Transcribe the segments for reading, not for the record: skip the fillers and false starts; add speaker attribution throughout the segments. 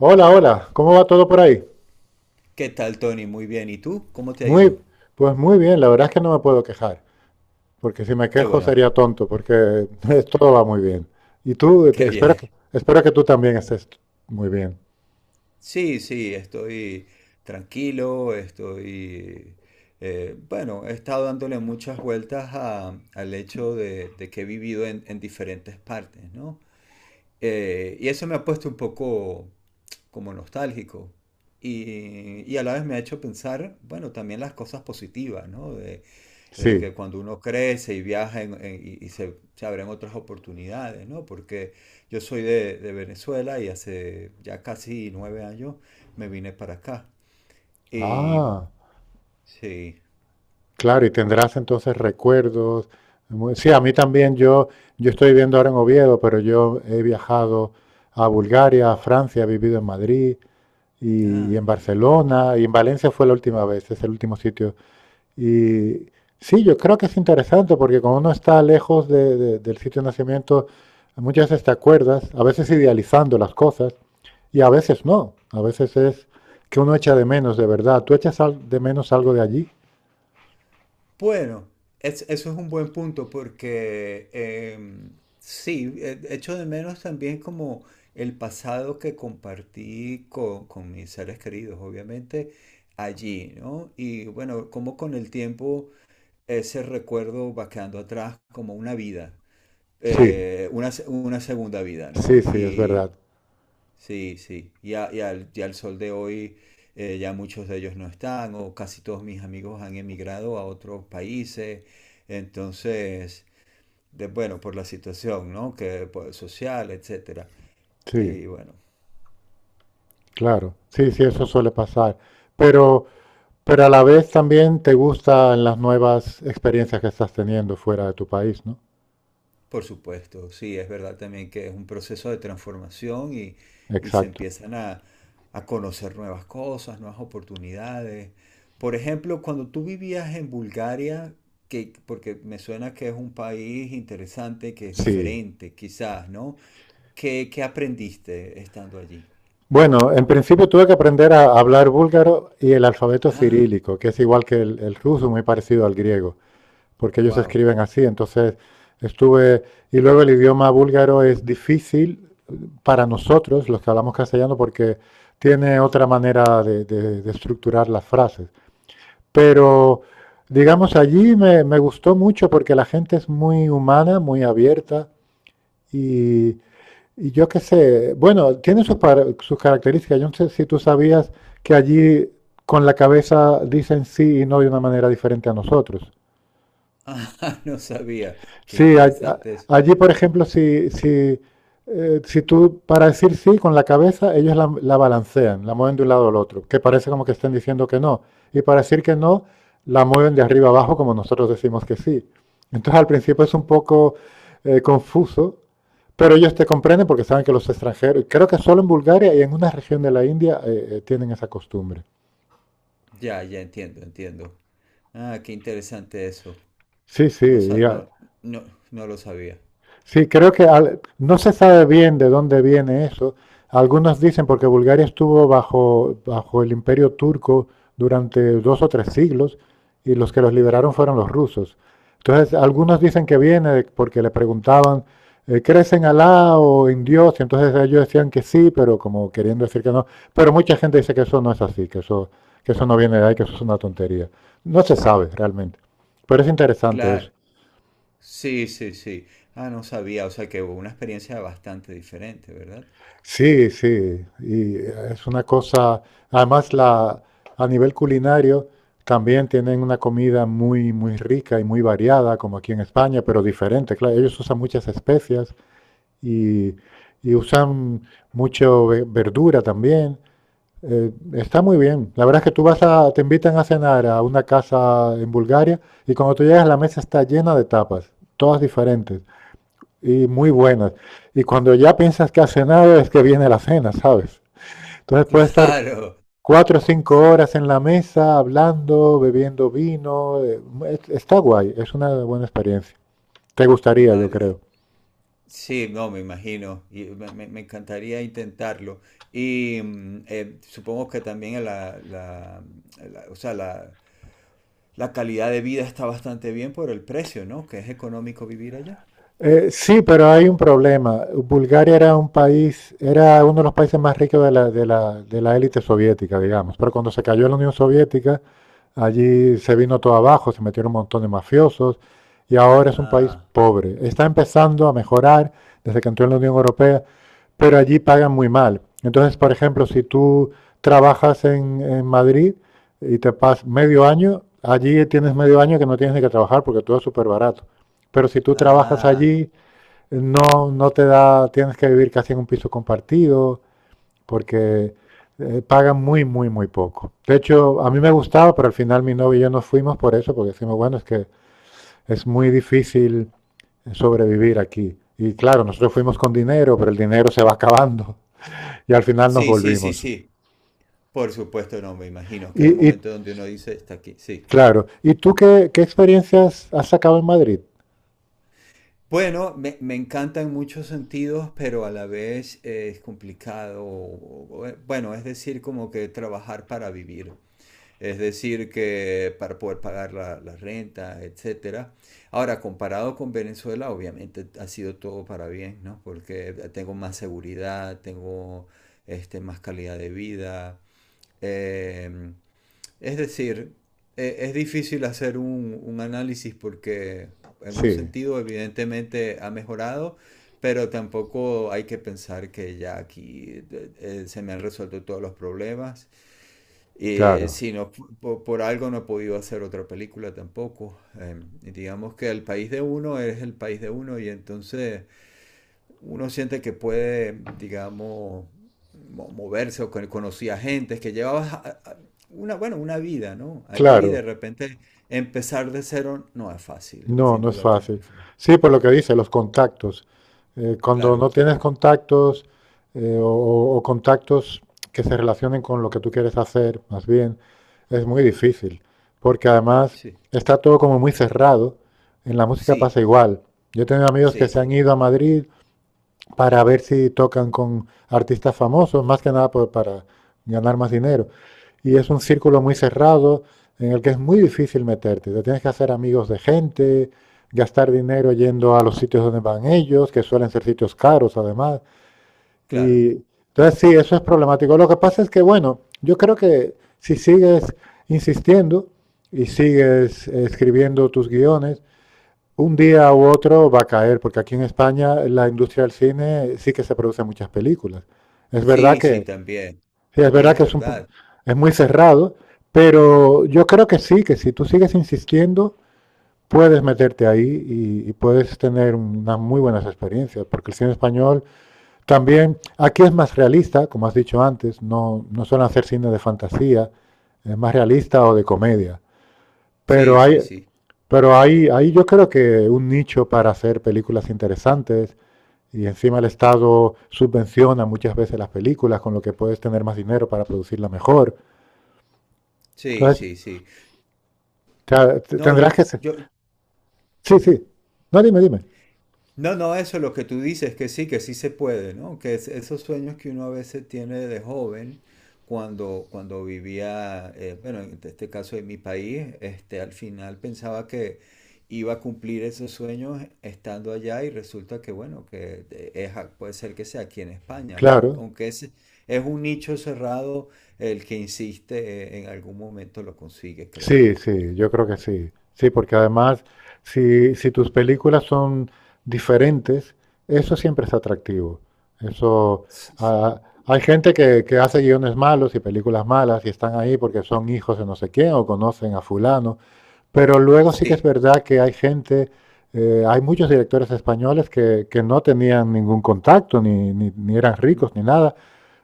Speaker 1: Hola, hola, ¿cómo va todo por ahí?
Speaker 2: ¿Qué tal, Tony? Muy bien. ¿Y tú? ¿Cómo te ha
Speaker 1: Muy,
Speaker 2: ido?
Speaker 1: pues muy bien, la verdad es que no me puedo quejar, porque si me
Speaker 2: Qué
Speaker 1: quejo
Speaker 2: bueno,
Speaker 1: sería tonto, porque todo va muy bien. Y tú,
Speaker 2: qué
Speaker 1: espero
Speaker 2: bien.
Speaker 1: espero que tú también estés muy bien.
Speaker 2: Sí, sí, estoy tranquilo, estoy... bueno, he estado dándole muchas vueltas al hecho de que he vivido en diferentes partes, ¿no? Y eso me ha puesto un poco como nostálgico. Y a la vez me ha hecho pensar, bueno, también las cosas positivas, ¿no? De
Speaker 1: Sí.
Speaker 2: que cuando uno crece y viaja y se abren otras oportunidades, ¿no? Porque yo soy de Venezuela y hace ya casi nueve años me vine para acá. Y
Speaker 1: Ah,
Speaker 2: sí,
Speaker 1: claro, y tendrás entonces recuerdos. Sí, a mí también, yo estoy viviendo ahora en Oviedo, pero yo he viajado a Bulgaria, a Francia, he vivido en Madrid y
Speaker 2: ah,
Speaker 1: en
Speaker 2: vale.
Speaker 1: Barcelona, y en Valencia fue la última vez, es el último sitio. Y sí, yo creo que es interesante porque cuando uno está lejos del sitio de nacimiento, muchas veces te acuerdas, a veces idealizando las cosas y a veces no. A veces es que uno echa de menos de verdad. ¿Tú echas de menos algo de allí?
Speaker 2: Bueno, eso es un buen punto porque sí, echo de menos también como el pasado que compartí con mis seres queridos, obviamente, allí, ¿no? Y bueno, como con el tiempo ese recuerdo va quedando atrás como una vida,
Speaker 1: Sí,
Speaker 2: una segunda vida,
Speaker 1: sí,
Speaker 2: ¿no?
Speaker 1: sí, es
Speaker 2: Y
Speaker 1: verdad.
Speaker 2: sí, sí, y al sol de hoy ya muchos de ellos no están, o casi todos mis amigos han emigrado a otros países, entonces, de, bueno, por la situación, ¿no? Que, pues, social, etcétera.
Speaker 1: Sí,
Speaker 2: Y bueno,
Speaker 1: claro. Sí, sí, eso suele pasar. Pero, pero a la vez también te gustan las nuevas experiencias que estás teniendo fuera de tu país, ¿no?
Speaker 2: por supuesto, sí, es verdad también que es un proceso de transformación y se
Speaker 1: Exacto.
Speaker 2: empiezan a conocer nuevas cosas, nuevas oportunidades. Por ejemplo, cuando tú vivías en Bulgaria, que, porque me suena que es un país interesante, que es
Speaker 1: Sí.
Speaker 2: diferente, quizás, ¿no? ¿Qué, qué aprendiste estando allí?
Speaker 1: Bueno, en principio tuve que aprender a hablar búlgaro y el alfabeto
Speaker 2: Ah,
Speaker 1: cirílico, que es igual que el ruso, muy parecido al griego, porque ellos
Speaker 2: wow.
Speaker 1: escriben así. Entonces estuve, y luego el idioma búlgaro es difícil para nosotros, los que hablamos castellano, porque tiene otra manera de estructurar las frases. Pero, digamos, me gustó mucho porque la gente es muy humana, muy abierta y, y yo qué sé, bueno, tiene sus, sus características. Yo no sé si tú sabías que allí con la cabeza dicen sí y no de una manera diferente a nosotros.
Speaker 2: Ah, no sabía. Qué
Speaker 1: Sí,
Speaker 2: interesante es.
Speaker 1: allí, por ejemplo, si tú para decir sí con la cabeza, ellos la balancean, la mueven de un lado al otro, que parece como que estén diciendo que no. Y para decir que no, la mueven de arriba abajo como nosotros decimos que sí. Entonces al principio es un poco confuso, pero ellos te comprenden porque saben que los extranjeros, creo que solo en Bulgaria y en una región de la India tienen esa costumbre.
Speaker 2: Ya, ya entiendo, entiendo. Ah, qué interesante eso.
Speaker 1: Sí, sí,
Speaker 2: No, no, no, no lo sabía.
Speaker 1: sí, creo que no se sabe bien de dónde viene eso. Algunos dicen porque Bulgaria estuvo bajo el imperio turco durante dos o tres siglos y los que los liberaron fueron los rusos. Entonces, algunos dicen que viene porque le preguntaban, ¿crees en Alá o en Dios? Y entonces ellos decían que sí, pero como queriendo decir que no. Pero mucha gente dice que eso no es así, que eso no viene de ahí, que eso es una tontería. No se sabe realmente. Pero es interesante eso.
Speaker 2: Claro, sí, sí, sí. Ah, no sabía, o sea que hubo una experiencia bastante diferente, ¿verdad?
Speaker 1: Sí, sí, y es una cosa, además a nivel culinario también tienen una comida muy, muy rica y muy variada, como aquí en España, pero diferente, claro, ellos usan muchas especias y, y usan mucho verdura también. Está muy bien. La verdad es que tú te invitan a cenar a una casa en Bulgaria y cuando tú llegas la mesa está llena de tapas, todas diferentes y muy buenas. Y cuando ya piensas que has cenado es que viene la cena, ¿sabes? Entonces puedes estar
Speaker 2: Claro,
Speaker 1: cuatro o cinco
Speaker 2: sí,
Speaker 1: horas en la mesa hablando, bebiendo vino. Está guay, es una buena experiencia. Te gustaría, yo
Speaker 2: vale.
Speaker 1: creo.
Speaker 2: Sí, no, me imagino, y me encantaría intentarlo. Y supongo que también o sea, la calidad de vida está bastante bien por el precio, ¿no? Que es económico vivir allá.
Speaker 1: Sí, pero hay un problema. Bulgaria era un país, era uno de los países más ricos de de la élite soviética, digamos. Pero cuando se cayó la Unión Soviética, allí se vino todo abajo, se metieron un montón de mafiosos y ahora es un país
Speaker 2: Ah,
Speaker 1: pobre. Está empezando a mejorar desde que entró en la Unión Europea, pero allí pagan muy mal. Entonces, por ejemplo, si tú trabajas en Madrid y te pasas medio año, allí tienes medio año que no tienes ni que trabajar porque todo es súper barato. Pero si tú trabajas
Speaker 2: ah.
Speaker 1: allí, no te da, tienes que vivir casi en un piso compartido, porque pagan muy, muy, muy poco. De hecho, a mí me gustaba, pero al final mi novio y yo nos fuimos por eso, porque decimos, bueno, es que es muy difícil sobrevivir aquí. Y claro, nosotros fuimos con dinero, pero el dinero se va acabando y al final nos
Speaker 2: Sí, sí, sí,
Speaker 1: volvimos.
Speaker 2: sí. Por supuesto, no, me imagino que hay un
Speaker 1: Y
Speaker 2: momento donde uno dice, está aquí, sí.
Speaker 1: claro, ¿y tú qué experiencias has sacado en Madrid?
Speaker 2: Bueno, me encanta en muchos sentidos, pero a la vez es complicado. Bueno, es decir, como que trabajar para vivir. Es decir, que para poder pagar la renta, etcétera. Ahora, comparado con Venezuela, obviamente ha sido todo para bien, ¿no? Porque tengo más seguridad, tengo este, más calidad de vida. em, es decir, es difícil hacer un análisis porque en un
Speaker 1: Sí,
Speaker 2: sentido evidentemente ha mejorado, pero tampoco hay que pensar que ya aquí se me han resuelto todos los problemas. Y eh,
Speaker 1: claro,
Speaker 2: si no, fu- po- por, algo no he podido hacer otra película tampoco. Y digamos que el país de uno es el país de uno y entonces uno siente que puede, digamos, moverse o conocía gente que llevabas una vida, ¿no? Allí
Speaker 1: claro.
Speaker 2: de repente empezar de cero no es fácil,
Speaker 1: No,
Speaker 2: sin
Speaker 1: no es
Speaker 2: duda que no.
Speaker 1: fácil.
Speaker 2: es fácil.
Speaker 1: Sí, por lo que dice, los contactos. Cuando no
Speaker 2: Claro,
Speaker 1: tienes contactos o contactos que se relacionen con lo que tú quieres hacer, más bien, es muy difícil. Porque además
Speaker 2: sí,
Speaker 1: está todo como muy cerrado. En la música pasa
Speaker 2: sí,
Speaker 1: igual. Yo he tenido amigos que
Speaker 2: sí,
Speaker 1: se han
Speaker 2: sí,
Speaker 1: ido a Madrid para ver si tocan con artistas famosos, más que nada para ganar más dinero. Y es un círculo muy cerrado en el que es muy difícil meterte. Te tienes que hacer amigos de gente, gastar dinero yendo a los sitios donde van ellos, que suelen ser sitios caros además.
Speaker 2: claro.
Speaker 1: Y entonces sí, eso es problemático. Lo que pasa es que, bueno, yo creo que si sigues insistiendo y sigues escribiendo tus guiones, un día u otro va a caer, porque aquí en España la industria del cine sí que se producen muchas películas. Es verdad
Speaker 2: Sí, sí, también,
Speaker 1: sí, es
Speaker 2: también
Speaker 1: verdad
Speaker 2: es
Speaker 1: que es,
Speaker 2: verdad.
Speaker 1: es muy cerrado, pero yo creo que sí, que si tú sigues insistiendo, puedes meterte ahí y puedes tener unas muy buenas experiencias, porque el cine español también, aquí es más realista, como has dicho antes, no, no suelen hacer cine de fantasía, es más realista o de comedia.
Speaker 2: Sí,
Speaker 1: Pero hay,
Speaker 2: sí, sí,
Speaker 1: pero ahí yo creo que un nicho para hacer películas interesantes y encima el Estado subvenciona muchas veces las películas, con lo que puedes tener más dinero para producirla mejor.
Speaker 2: sí,
Speaker 1: Entonces,
Speaker 2: sí, sí. No,
Speaker 1: tendrás que...
Speaker 2: yo, yo,
Speaker 1: Sí,
Speaker 2: ujú.
Speaker 1: sí. No, dime, dime.
Speaker 2: No, no, eso es lo que tú dices, que sí se puede, ¿no? Que esos sueños que uno a veces tiene de joven, cuando vivía, bueno, en este caso en mi país, este, al final pensaba que iba a cumplir esos sueños estando allá y resulta que, bueno, que puede ser que sea aquí en España,
Speaker 1: Claro.
Speaker 2: aunque es un nicho cerrado, el que insiste, en algún momento lo consigue, creo
Speaker 1: Sí,
Speaker 2: yo.
Speaker 1: sí, yo creo que sí. Sí, porque además, si tus películas son diferentes, eso siempre es atractivo. Eso,
Speaker 2: Sí, sí,
Speaker 1: ah, hay gente que hace guiones malos y películas malas y están ahí porque son hijos de no sé quién o conocen a fulano, pero luego sí que es
Speaker 2: sí,
Speaker 1: verdad que hay gente, hay muchos directores españoles que no tenían ningún contacto, ni eran
Speaker 2: mm,
Speaker 1: ricos, ni nada,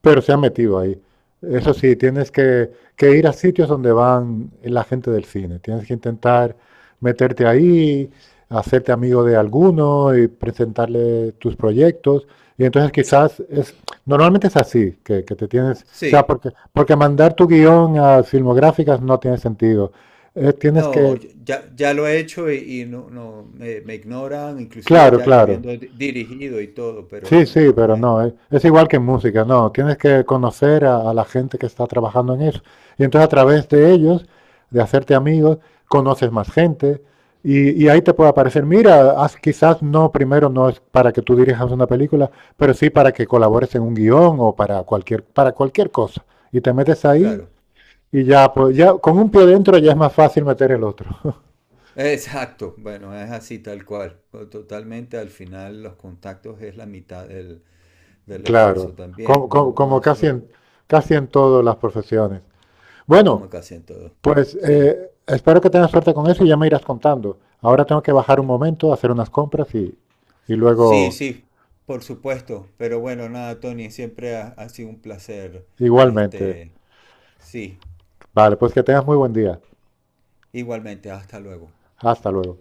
Speaker 1: pero se han metido ahí. Eso sí, que ir a sitios donde van la gente del cine. Tienes que intentar meterte ahí, hacerte amigo de alguno y presentarle tus proyectos. Y entonces quizás es, normalmente es así, que te tienes, o sea,
Speaker 2: sí.
Speaker 1: porque mandar tu guión a filmográficas no tiene sentido. Tienes
Speaker 2: No,
Speaker 1: que,
Speaker 2: ya lo he hecho y no, me ignoran, inclusive
Speaker 1: claro,
Speaker 2: ya yo
Speaker 1: claro.
Speaker 2: habiendo dirigido y todo, pero
Speaker 1: Sí,
Speaker 2: no,
Speaker 1: sí,
Speaker 2: no
Speaker 1: pero
Speaker 2: es,
Speaker 1: no, es igual que en música, no, tienes que conocer a la gente que está trabajando en eso. Y entonces a través de ellos, de hacerte amigos, conoces más gente y ahí te puede aparecer, mira, quizás no, primero no es para que tú dirijas una película, pero sí para que colabores en un guión o para cualquier cosa. Y te metes ahí
Speaker 2: claro.
Speaker 1: y ya, pues ya con un pie dentro ya es más fácil meter el otro.
Speaker 2: Exacto, bueno, es así tal cual. O totalmente al final los contactos es la mitad del
Speaker 1: Claro,
Speaker 2: esfuerzo también, no, no
Speaker 1: como
Speaker 2: es
Speaker 1: casi
Speaker 2: solo
Speaker 1: casi en todas las profesiones. Bueno,
Speaker 2: como casi en todo.
Speaker 1: pues
Speaker 2: Sí,
Speaker 1: espero que tengas suerte con eso y ya me irás contando. Ahora tengo que bajar un momento, hacer unas compras y
Speaker 2: sí,
Speaker 1: luego
Speaker 2: sí, por supuesto, pero bueno, nada, Tony, siempre ha, ha sido un placer,
Speaker 1: igualmente.
Speaker 2: este, sí,
Speaker 1: Vale, pues que tengas muy buen día.
Speaker 2: igualmente, hasta luego.
Speaker 1: Hasta luego.